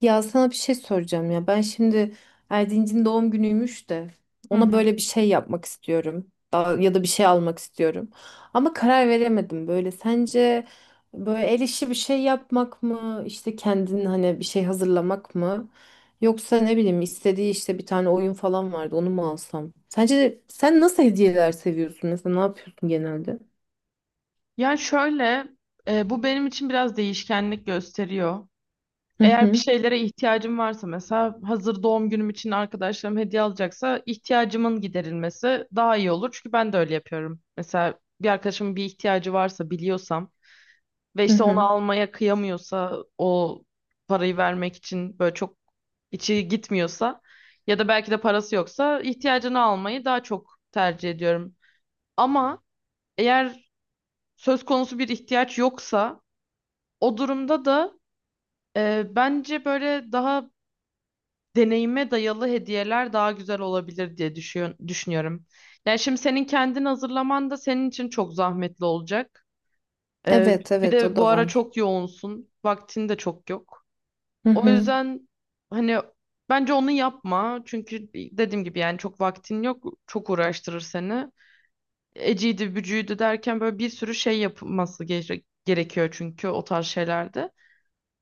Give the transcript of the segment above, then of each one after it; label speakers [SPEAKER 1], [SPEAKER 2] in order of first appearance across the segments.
[SPEAKER 1] Ya sana bir şey soracağım ya. Ben şimdi Erdinc'in doğum günüymüş de
[SPEAKER 2] Hı
[SPEAKER 1] ona
[SPEAKER 2] hı.
[SPEAKER 1] böyle bir şey yapmak istiyorum. Ya da bir şey almak istiyorum. Ama karar veremedim böyle. Sence böyle el işi bir şey yapmak mı? İşte kendin hani bir şey hazırlamak mı? Yoksa ne bileyim istediği işte bir tane oyun falan vardı onu mu alsam? Sence sen nasıl hediyeler seviyorsun? Mesela ne yapıyorsun genelde?
[SPEAKER 2] Yani şöyle, bu benim için biraz değişkenlik gösteriyor.
[SPEAKER 1] Hı
[SPEAKER 2] Eğer bir
[SPEAKER 1] hı,
[SPEAKER 2] şeylere ihtiyacım varsa mesela hazır doğum günüm için arkadaşlarım hediye alacaksa ihtiyacımın giderilmesi daha iyi olur. Çünkü ben de öyle yapıyorum. Mesela bir arkadaşımın bir ihtiyacı varsa biliyorsam ve
[SPEAKER 1] hı
[SPEAKER 2] işte onu
[SPEAKER 1] hı.
[SPEAKER 2] almaya kıyamıyorsa o parayı vermek için böyle çok içi gitmiyorsa ya da belki de parası yoksa ihtiyacını almayı daha çok tercih ediyorum. Ama eğer söz konusu bir ihtiyaç yoksa o durumda da bence böyle daha deneyime dayalı hediyeler daha güzel olabilir diye düşünüyorum. Yani şimdi senin kendin hazırlaman da senin için çok zahmetli olacak. E,
[SPEAKER 1] Evet
[SPEAKER 2] bir
[SPEAKER 1] evet, o
[SPEAKER 2] de bu
[SPEAKER 1] da
[SPEAKER 2] ara
[SPEAKER 1] var.
[SPEAKER 2] çok yoğunsun. Vaktin de çok yok.
[SPEAKER 1] Hı
[SPEAKER 2] O
[SPEAKER 1] hı.
[SPEAKER 2] yüzden hani bence onu yapma. Çünkü dediğim gibi yani çok vaktin yok. Çok uğraştırır seni. Eciydi, bücüydü derken böyle bir sürü şey yapılması gerekiyor çünkü o tarz şeylerde.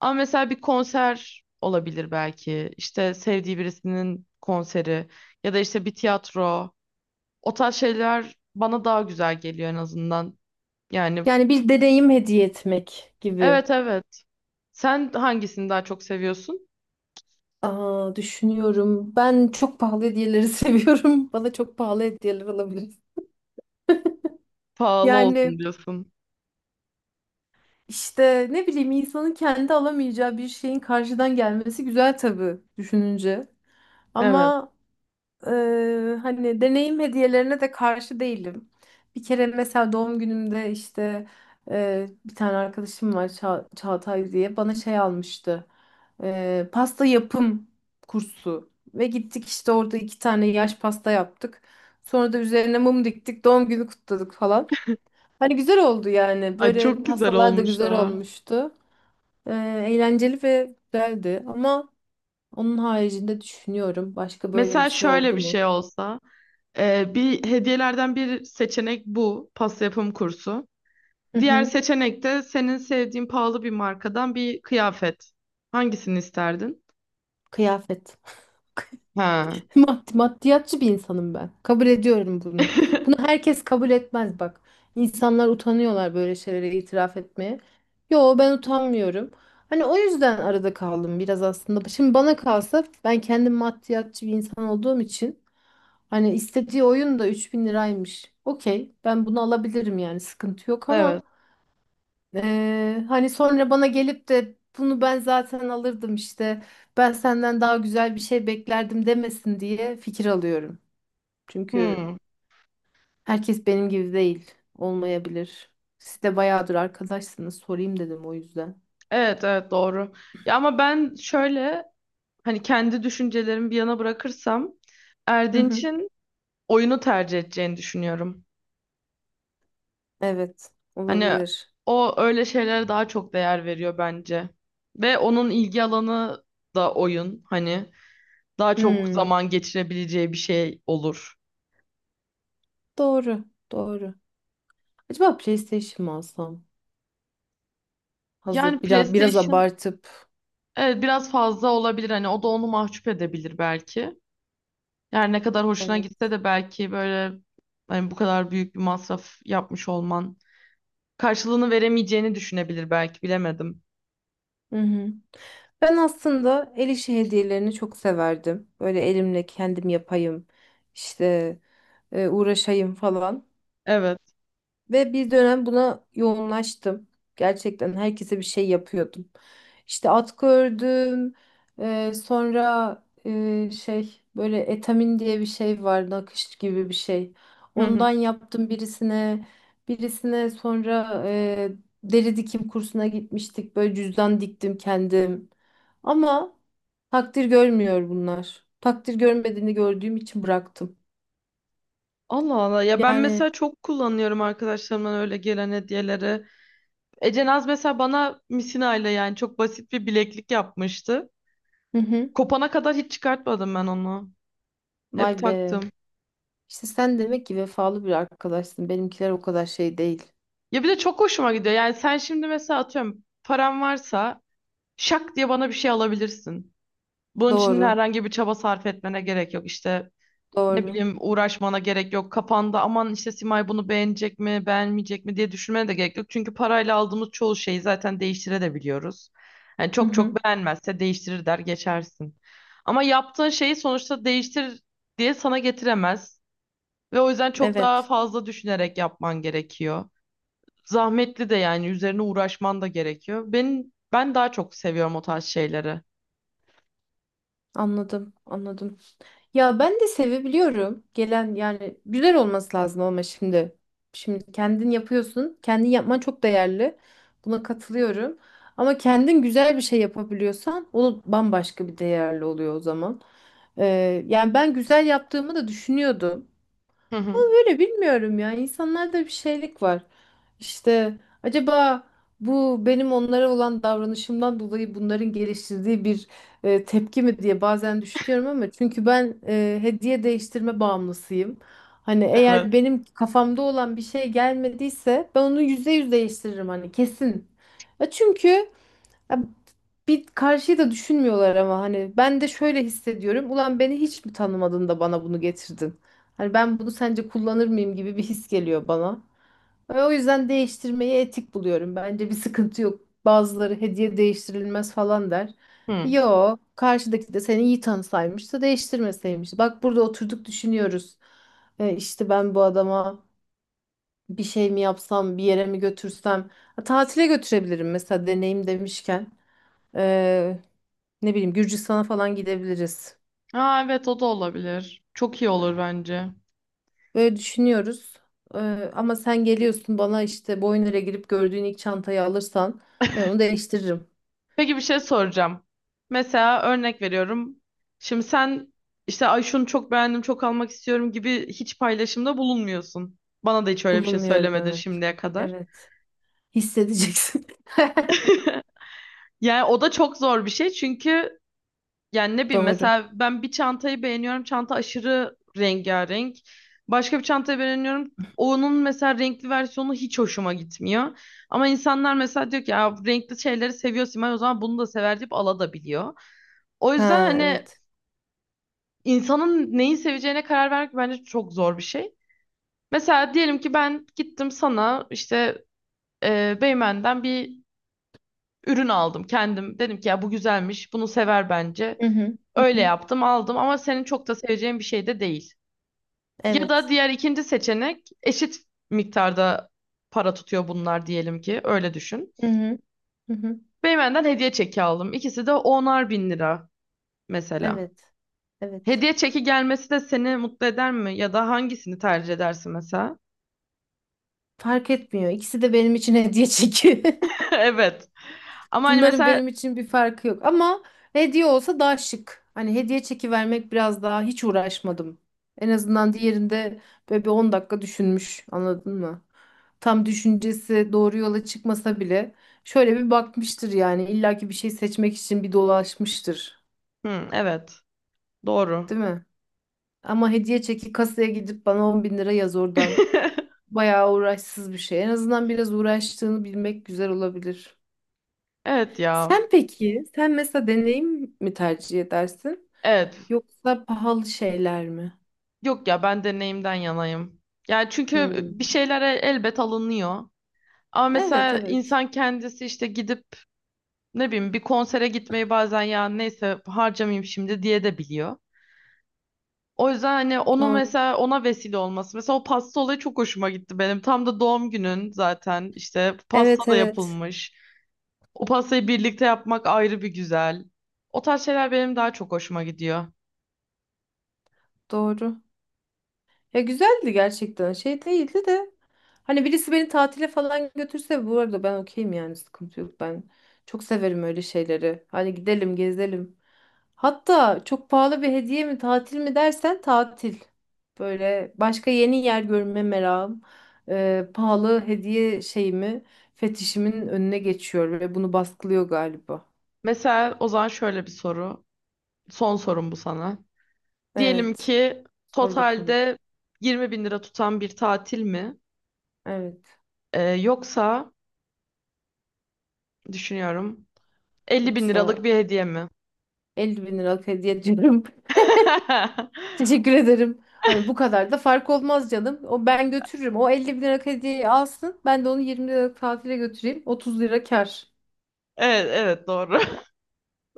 [SPEAKER 2] Ama mesela bir konser olabilir belki. İşte sevdiği birisinin konseri ya da işte bir tiyatro. O tarz şeyler bana daha güzel geliyor en azından. Yani
[SPEAKER 1] Yani bir deneyim hediye etmek gibi.
[SPEAKER 2] evet, evet. Sen hangisini daha çok seviyorsun?
[SPEAKER 1] Aa, düşünüyorum. Ben çok pahalı hediyeleri seviyorum. Bana çok pahalı hediyeler alabilir.
[SPEAKER 2] Pahalı
[SPEAKER 1] Yani
[SPEAKER 2] olsun diyorsun.
[SPEAKER 1] işte ne bileyim, insanın kendi alamayacağı bir şeyin karşıdan gelmesi güzel tabii düşününce.
[SPEAKER 2] Evet.
[SPEAKER 1] Ama hani deneyim hediyelerine de karşı değilim. Bir kere mesela doğum günümde işte bir tane arkadaşım var, Çağatay diye, bana şey almıştı. Pasta yapım kursu ve gittik işte orada iki tane yaş pasta yaptık. Sonra da üzerine mum diktik, doğum günü kutladık falan. Hani güzel oldu yani.
[SPEAKER 2] Ay
[SPEAKER 1] Böyle
[SPEAKER 2] çok güzel
[SPEAKER 1] pastalar da
[SPEAKER 2] olmuş
[SPEAKER 1] güzel
[SPEAKER 2] ha.
[SPEAKER 1] olmuştu. Eee, Eğlenceli ve güzeldi ama onun haricinde düşünüyorum, başka böyle bir
[SPEAKER 2] Mesela
[SPEAKER 1] şey
[SPEAKER 2] şöyle
[SPEAKER 1] oldu
[SPEAKER 2] bir
[SPEAKER 1] mu?
[SPEAKER 2] şey olsa, bir hediyelerden bir seçenek bu pasta yapım kursu.
[SPEAKER 1] Hı
[SPEAKER 2] Diğer
[SPEAKER 1] hı.
[SPEAKER 2] seçenek de senin sevdiğin pahalı bir markadan bir kıyafet. Hangisini isterdin?
[SPEAKER 1] Kıyafet.
[SPEAKER 2] Ha.
[SPEAKER 1] Maddiyatçı bir insanım ben. Kabul ediyorum bunu. Bunu herkes kabul etmez bak. İnsanlar utanıyorlar böyle şeylere itiraf etmeye. Yo, ben utanmıyorum. Hani o yüzden arada kaldım biraz aslında. Şimdi bana kalsa, ben kendim maddiyatçı bir insan olduğum için, hani istediği oyun da 3 bin liraymış. Okey, ben bunu alabilirim yani, sıkıntı yok, ama
[SPEAKER 2] Evet.
[SPEAKER 1] hani sonra bana gelip de, bunu ben zaten alırdım işte, ben senden daha güzel bir şey beklerdim demesin diye fikir alıyorum. Çünkü
[SPEAKER 2] Hmm.
[SPEAKER 1] herkes benim gibi değil, olmayabilir. Siz de bayağıdır arkadaşsınız, sorayım dedim o yüzden.
[SPEAKER 2] Evet, evet, doğru. Ya ama ben şöyle hani kendi düşüncelerimi bir yana bırakırsam
[SPEAKER 1] Hı hı.
[SPEAKER 2] Erdinç'in oyunu tercih edeceğini düşünüyorum.
[SPEAKER 1] Evet,
[SPEAKER 2] Hani
[SPEAKER 1] olabilir.
[SPEAKER 2] o öyle şeylere daha çok değer veriyor bence. Ve onun ilgi alanı da oyun. Hani daha çok
[SPEAKER 1] Hmm,
[SPEAKER 2] zaman geçirebileceği bir şey olur.
[SPEAKER 1] doğru, doğru. Acaba PlayStation mı alsam?
[SPEAKER 2] Yani
[SPEAKER 1] Hazır biraz, biraz
[SPEAKER 2] PlayStation
[SPEAKER 1] abartıp.
[SPEAKER 2] evet biraz fazla olabilir. Hani o da onu mahcup edebilir belki. Yani ne kadar hoşuna gitse de belki böyle hani bu kadar büyük bir masraf yapmış olman karşılığını veremeyeceğini düşünebilir belki bilemedim.
[SPEAKER 1] Hı hı. Ben aslında el işi hediyelerini çok severdim. Böyle elimle kendim yapayım, işte uğraşayım falan.
[SPEAKER 2] Evet.
[SPEAKER 1] Ve bir dönem buna yoğunlaştım. Gerçekten herkese bir şey yapıyordum. İşte atkı ördüm. Sonra şey, böyle etamin diye bir şey var. Nakış gibi bir şey.
[SPEAKER 2] Hı hı.
[SPEAKER 1] Ondan yaptım birisine. Birisine sonra deri dikim kursuna gitmiştik. Böyle cüzdan diktim kendim. Ama takdir görmüyor bunlar. Takdir görmediğini gördüğüm için bıraktım.
[SPEAKER 2] Allah Allah ya, ben
[SPEAKER 1] Yani,
[SPEAKER 2] mesela çok kullanıyorum arkadaşlarımdan öyle gelen hediyeleri. Ece Naz mesela bana misinayla yani çok basit bir bileklik yapmıştı.
[SPEAKER 1] hı hı.
[SPEAKER 2] Kopana kadar hiç çıkartmadım ben onu. Hep
[SPEAKER 1] Vay be.
[SPEAKER 2] taktım.
[SPEAKER 1] İşte sen demek ki vefalı bir arkadaşsın. Benimkiler o kadar şey değil.
[SPEAKER 2] Ya bir de çok hoşuma gidiyor. Yani sen şimdi mesela atıyorum param varsa şak diye bana bir şey alabilirsin. Bunun için
[SPEAKER 1] Doğru,
[SPEAKER 2] herhangi bir çaba sarf etmene gerek yok. İşte ne
[SPEAKER 1] doğru.
[SPEAKER 2] bileyim uğraşmana gerek yok. Kafanda aman işte Simay bunu beğenecek mi, beğenmeyecek mi diye düşünmene de gerek yok. Çünkü parayla aldığımız çoğu şeyi zaten değiştirebiliyoruz. Yani
[SPEAKER 1] Hı
[SPEAKER 2] çok
[SPEAKER 1] hı.
[SPEAKER 2] çok beğenmezse değiştirir der geçersin. Ama yaptığın şeyi sonuçta değiştir diye sana getiremez. Ve o yüzden çok daha
[SPEAKER 1] Evet,
[SPEAKER 2] fazla düşünerek yapman gerekiyor. Zahmetli de, yani üzerine uğraşman da gerekiyor. Ben daha çok seviyorum o tarz şeyleri.
[SPEAKER 1] anladım, anladım. Ya ben de sevebiliyorum. Gelen yani güzel olması lazım ama şimdi. Şimdi kendin yapıyorsun. Kendin yapman çok değerli. Buna katılıyorum. Ama kendin güzel bir şey yapabiliyorsan, o bambaşka bir değerli oluyor o zaman. Ee, Yani ben güzel yaptığımı da düşünüyordum.
[SPEAKER 2] Hı hı.
[SPEAKER 1] Böyle bilmiyorum ya. İnsanlarda bir şeylik var. İşte acaba bu benim onlara olan davranışımdan dolayı bunların geliştirdiği bir tepki mi diye bazen düşünüyorum, ama çünkü ben hediye değiştirme bağımlısıyım. Hani
[SPEAKER 2] Evet.
[SPEAKER 1] eğer benim kafamda olan bir şey gelmediyse, ben onu %100 değiştiririm, hani kesin. Ya çünkü, ya bir karşıyı da düşünmüyorlar, ama hani ben de şöyle hissediyorum. Ulan, beni hiç mi tanımadın da bana bunu getirdin? Hani ben bunu sence kullanır mıyım gibi bir his geliyor bana. Ve o yüzden değiştirmeyi etik buluyorum. Bence bir sıkıntı yok. Bazıları hediye değiştirilmez falan der.
[SPEAKER 2] Hı.
[SPEAKER 1] Yo, karşıdaki de seni iyi tanısaymış da değiştirmeseymiş. Bak, burada oturduk, düşünüyoruz. İşte ben bu adama bir şey mi yapsam, bir yere mi götürsem. Ha, tatile götürebilirim mesela, deneyim demişken. Ne bileyim, Gürcistan'a falan gidebiliriz.
[SPEAKER 2] Aa, evet o da olabilir. Çok iyi olur bence.
[SPEAKER 1] Böyle düşünüyoruz. Ee, Ama sen geliyorsun bana işte, Boyner'e girip gördüğün ilk çantayı alırsan ben onu değiştiririm.
[SPEAKER 2] Peki bir şey soracağım. Mesela örnek veriyorum. Şimdi sen işte ay şunu çok beğendim çok almak istiyorum gibi hiç paylaşımda bulunmuyorsun. Bana da hiç öyle bir şey
[SPEAKER 1] Bulunmuyorum,
[SPEAKER 2] söylemedin
[SPEAKER 1] evet.
[SPEAKER 2] şimdiye kadar.
[SPEAKER 1] Evet. Hissedeceksin.
[SPEAKER 2] Yani o da çok zor bir şey çünkü yani ne bileyim
[SPEAKER 1] Doğru.
[SPEAKER 2] mesela ben bir çantayı beğeniyorum. Çanta aşırı rengarenk. Başka bir çantayı beğeniyorum. Onun mesela renkli versiyonu hiç hoşuma gitmiyor. Ama insanlar mesela diyor ki ya renkli şeyleri seviyor Simay, o zaman bunu da sever deyip alabiliyor. O yüzden
[SPEAKER 1] Ha,
[SPEAKER 2] hani
[SPEAKER 1] evet.
[SPEAKER 2] insanın neyi seveceğine karar vermek bence çok zor bir şey. Mesela diyelim ki ben gittim sana işte Beymen'den bir ürün aldım kendim. Dedim ki ya bu güzelmiş, bunu sever bence.
[SPEAKER 1] Hı hı. Hı
[SPEAKER 2] Öyle
[SPEAKER 1] hı.
[SPEAKER 2] yaptım, aldım ama senin çok da seveceğin bir şey de değil. Ya da
[SPEAKER 1] Evet.
[SPEAKER 2] diğer ikinci seçenek eşit miktarda para tutuyor bunlar diyelim ki, öyle düşün.
[SPEAKER 1] Hı hı. Hı hı.
[SPEAKER 2] Beymen'den hediye çeki aldım. İkisi de onar bin lira mesela.
[SPEAKER 1] Evet. Evet.
[SPEAKER 2] Hediye çeki gelmesi de seni mutlu eder mi? Ya da hangisini tercih edersin mesela?
[SPEAKER 1] Fark etmiyor. İkisi de benim için hediye çünkü.
[SPEAKER 2] Evet. Ama hani
[SPEAKER 1] Bunların
[SPEAKER 2] mesela
[SPEAKER 1] benim için bir farkı yok, ama hediye olsa daha şık. Hani hediye çeki vermek biraz daha, hiç uğraşmadım. En azından diğerinde böyle bir 10 dakika düşünmüş. Anladın mı? Tam düşüncesi doğru yola çıkmasa bile, şöyle bir bakmıştır yani, illaki bir şey seçmek için bir dolaşmıştır.
[SPEAKER 2] hı, evet. Doğru.
[SPEAKER 1] Değil mi? Ama hediye çeki, kasaya gidip bana 10 bin lira yaz oradan. Bayağı uğraşsız bir şey. En azından biraz uğraştığını bilmek güzel olabilir.
[SPEAKER 2] Evet ya.
[SPEAKER 1] Sen peki, sen mesela deneyim mi tercih edersin?
[SPEAKER 2] Evet.
[SPEAKER 1] Yoksa pahalı şeyler mi?
[SPEAKER 2] Yok ya, ben deneyimden yanayım. Yani çünkü bir
[SPEAKER 1] Hmm.
[SPEAKER 2] şeylere elbet alınıyor. Ama
[SPEAKER 1] Evet,
[SPEAKER 2] mesela
[SPEAKER 1] evet.
[SPEAKER 2] insan kendisi işte gidip ne bileyim bir konsere gitmeyi bazen ya neyse harcamayayım şimdi diye de biliyor. O yüzden hani onun
[SPEAKER 1] Doğru.
[SPEAKER 2] mesela ona vesile olması. Mesela o pasta olayı çok hoşuma gitti benim. Tam da doğum günün zaten işte pasta
[SPEAKER 1] Evet,
[SPEAKER 2] da
[SPEAKER 1] evet.
[SPEAKER 2] yapılmış. O pastayı birlikte yapmak ayrı bir güzel. O tarz şeyler benim daha çok hoşuma gidiyor.
[SPEAKER 1] Doğru. Ya güzeldi gerçekten. Şey değildi de. Hani birisi beni tatile falan götürse bu arada, ben okeyim yani, sıkıntı yok. Ben çok severim öyle şeyleri. Hani gidelim, gezelim. Hatta çok pahalı bir hediye mi, tatil mi dersen, tatil. Böyle başka yeni yer görme merakım pahalı hediye şeyimi, fetişimin önüne geçiyor ve bunu baskılıyor galiba.
[SPEAKER 2] Mesela o zaman şöyle bir soru. Son sorum bu sana. Diyelim
[SPEAKER 1] Evet.
[SPEAKER 2] ki
[SPEAKER 1] Sor bakalım.
[SPEAKER 2] totalde 20 bin lira tutan bir tatil mi?
[SPEAKER 1] Evet.
[SPEAKER 2] Yoksa düşünüyorum. 50 bin liralık
[SPEAKER 1] Yoksa
[SPEAKER 2] bir hediye mi?
[SPEAKER 1] 50 bin liralık hediye ediyorum. Teşekkür ederim. Hani bu kadar da fark olmaz canım. O, ben götürürüm. O 50 bin liralık hediyeyi alsın. Ben de onu 20 liralık tatile götüreyim. 30 lira kar.
[SPEAKER 2] Evet, evet doğru.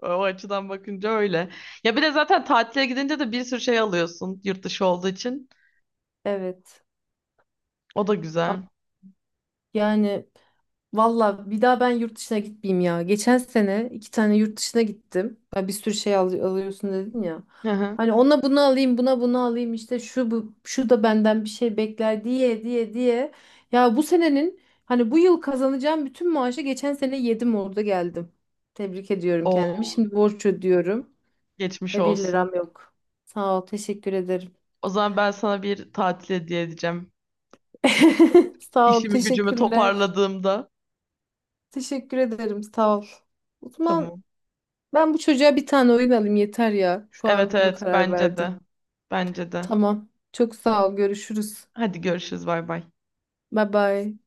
[SPEAKER 2] O açıdan bakınca öyle. Ya bir de zaten tatile gidince de bir sürü şey alıyorsun yurt dışı olduğu için.
[SPEAKER 1] Evet.
[SPEAKER 2] O da
[SPEAKER 1] Ama
[SPEAKER 2] güzel.
[SPEAKER 1] yani, valla bir daha ben yurt dışına gitmeyeyim ya. Geçen sene iki tane yurt dışına gittim. Ya bir sürü şey alıyorsun dedin ya.
[SPEAKER 2] Hı hı.
[SPEAKER 1] Hani ona bunu alayım, buna bunu alayım, işte şu bu, şu da benden bir şey bekler diye diye diye. Ya bu senenin, hani bu yıl kazanacağım bütün maaşı geçen sene yedim orada geldim. Tebrik ediyorum kendimi.
[SPEAKER 2] O
[SPEAKER 1] Şimdi borç ödüyorum
[SPEAKER 2] geçmiş
[SPEAKER 1] ve bir
[SPEAKER 2] olsun.
[SPEAKER 1] liram yok. Sağ ol, teşekkür ederim.
[SPEAKER 2] O zaman ben sana bir tatil hediye edeceğim.
[SPEAKER 1] Sağ ol,
[SPEAKER 2] İşimi gücümü
[SPEAKER 1] teşekkürler.
[SPEAKER 2] toparladığımda.
[SPEAKER 1] Teşekkür ederim, sağ ol. Osman.
[SPEAKER 2] Tamam.
[SPEAKER 1] Ben bu çocuğa bir tane oyun alayım yeter ya. Şu
[SPEAKER 2] Evet,
[SPEAKER 1] an bunu
[SPEAKER 2] evet
[SPEAKER 1] karar
[SPEAKER 2] bence
[SPEAKER 1] verdim.
[SPEAKER 2] de. Bence de.
[SPEAKER 1] Tamam. Çok sağ ol. Görüşürüz.
[SPEAKER 2] Hadi görüşürüz, bay bay.
[SPEAKER 1] Bye bye.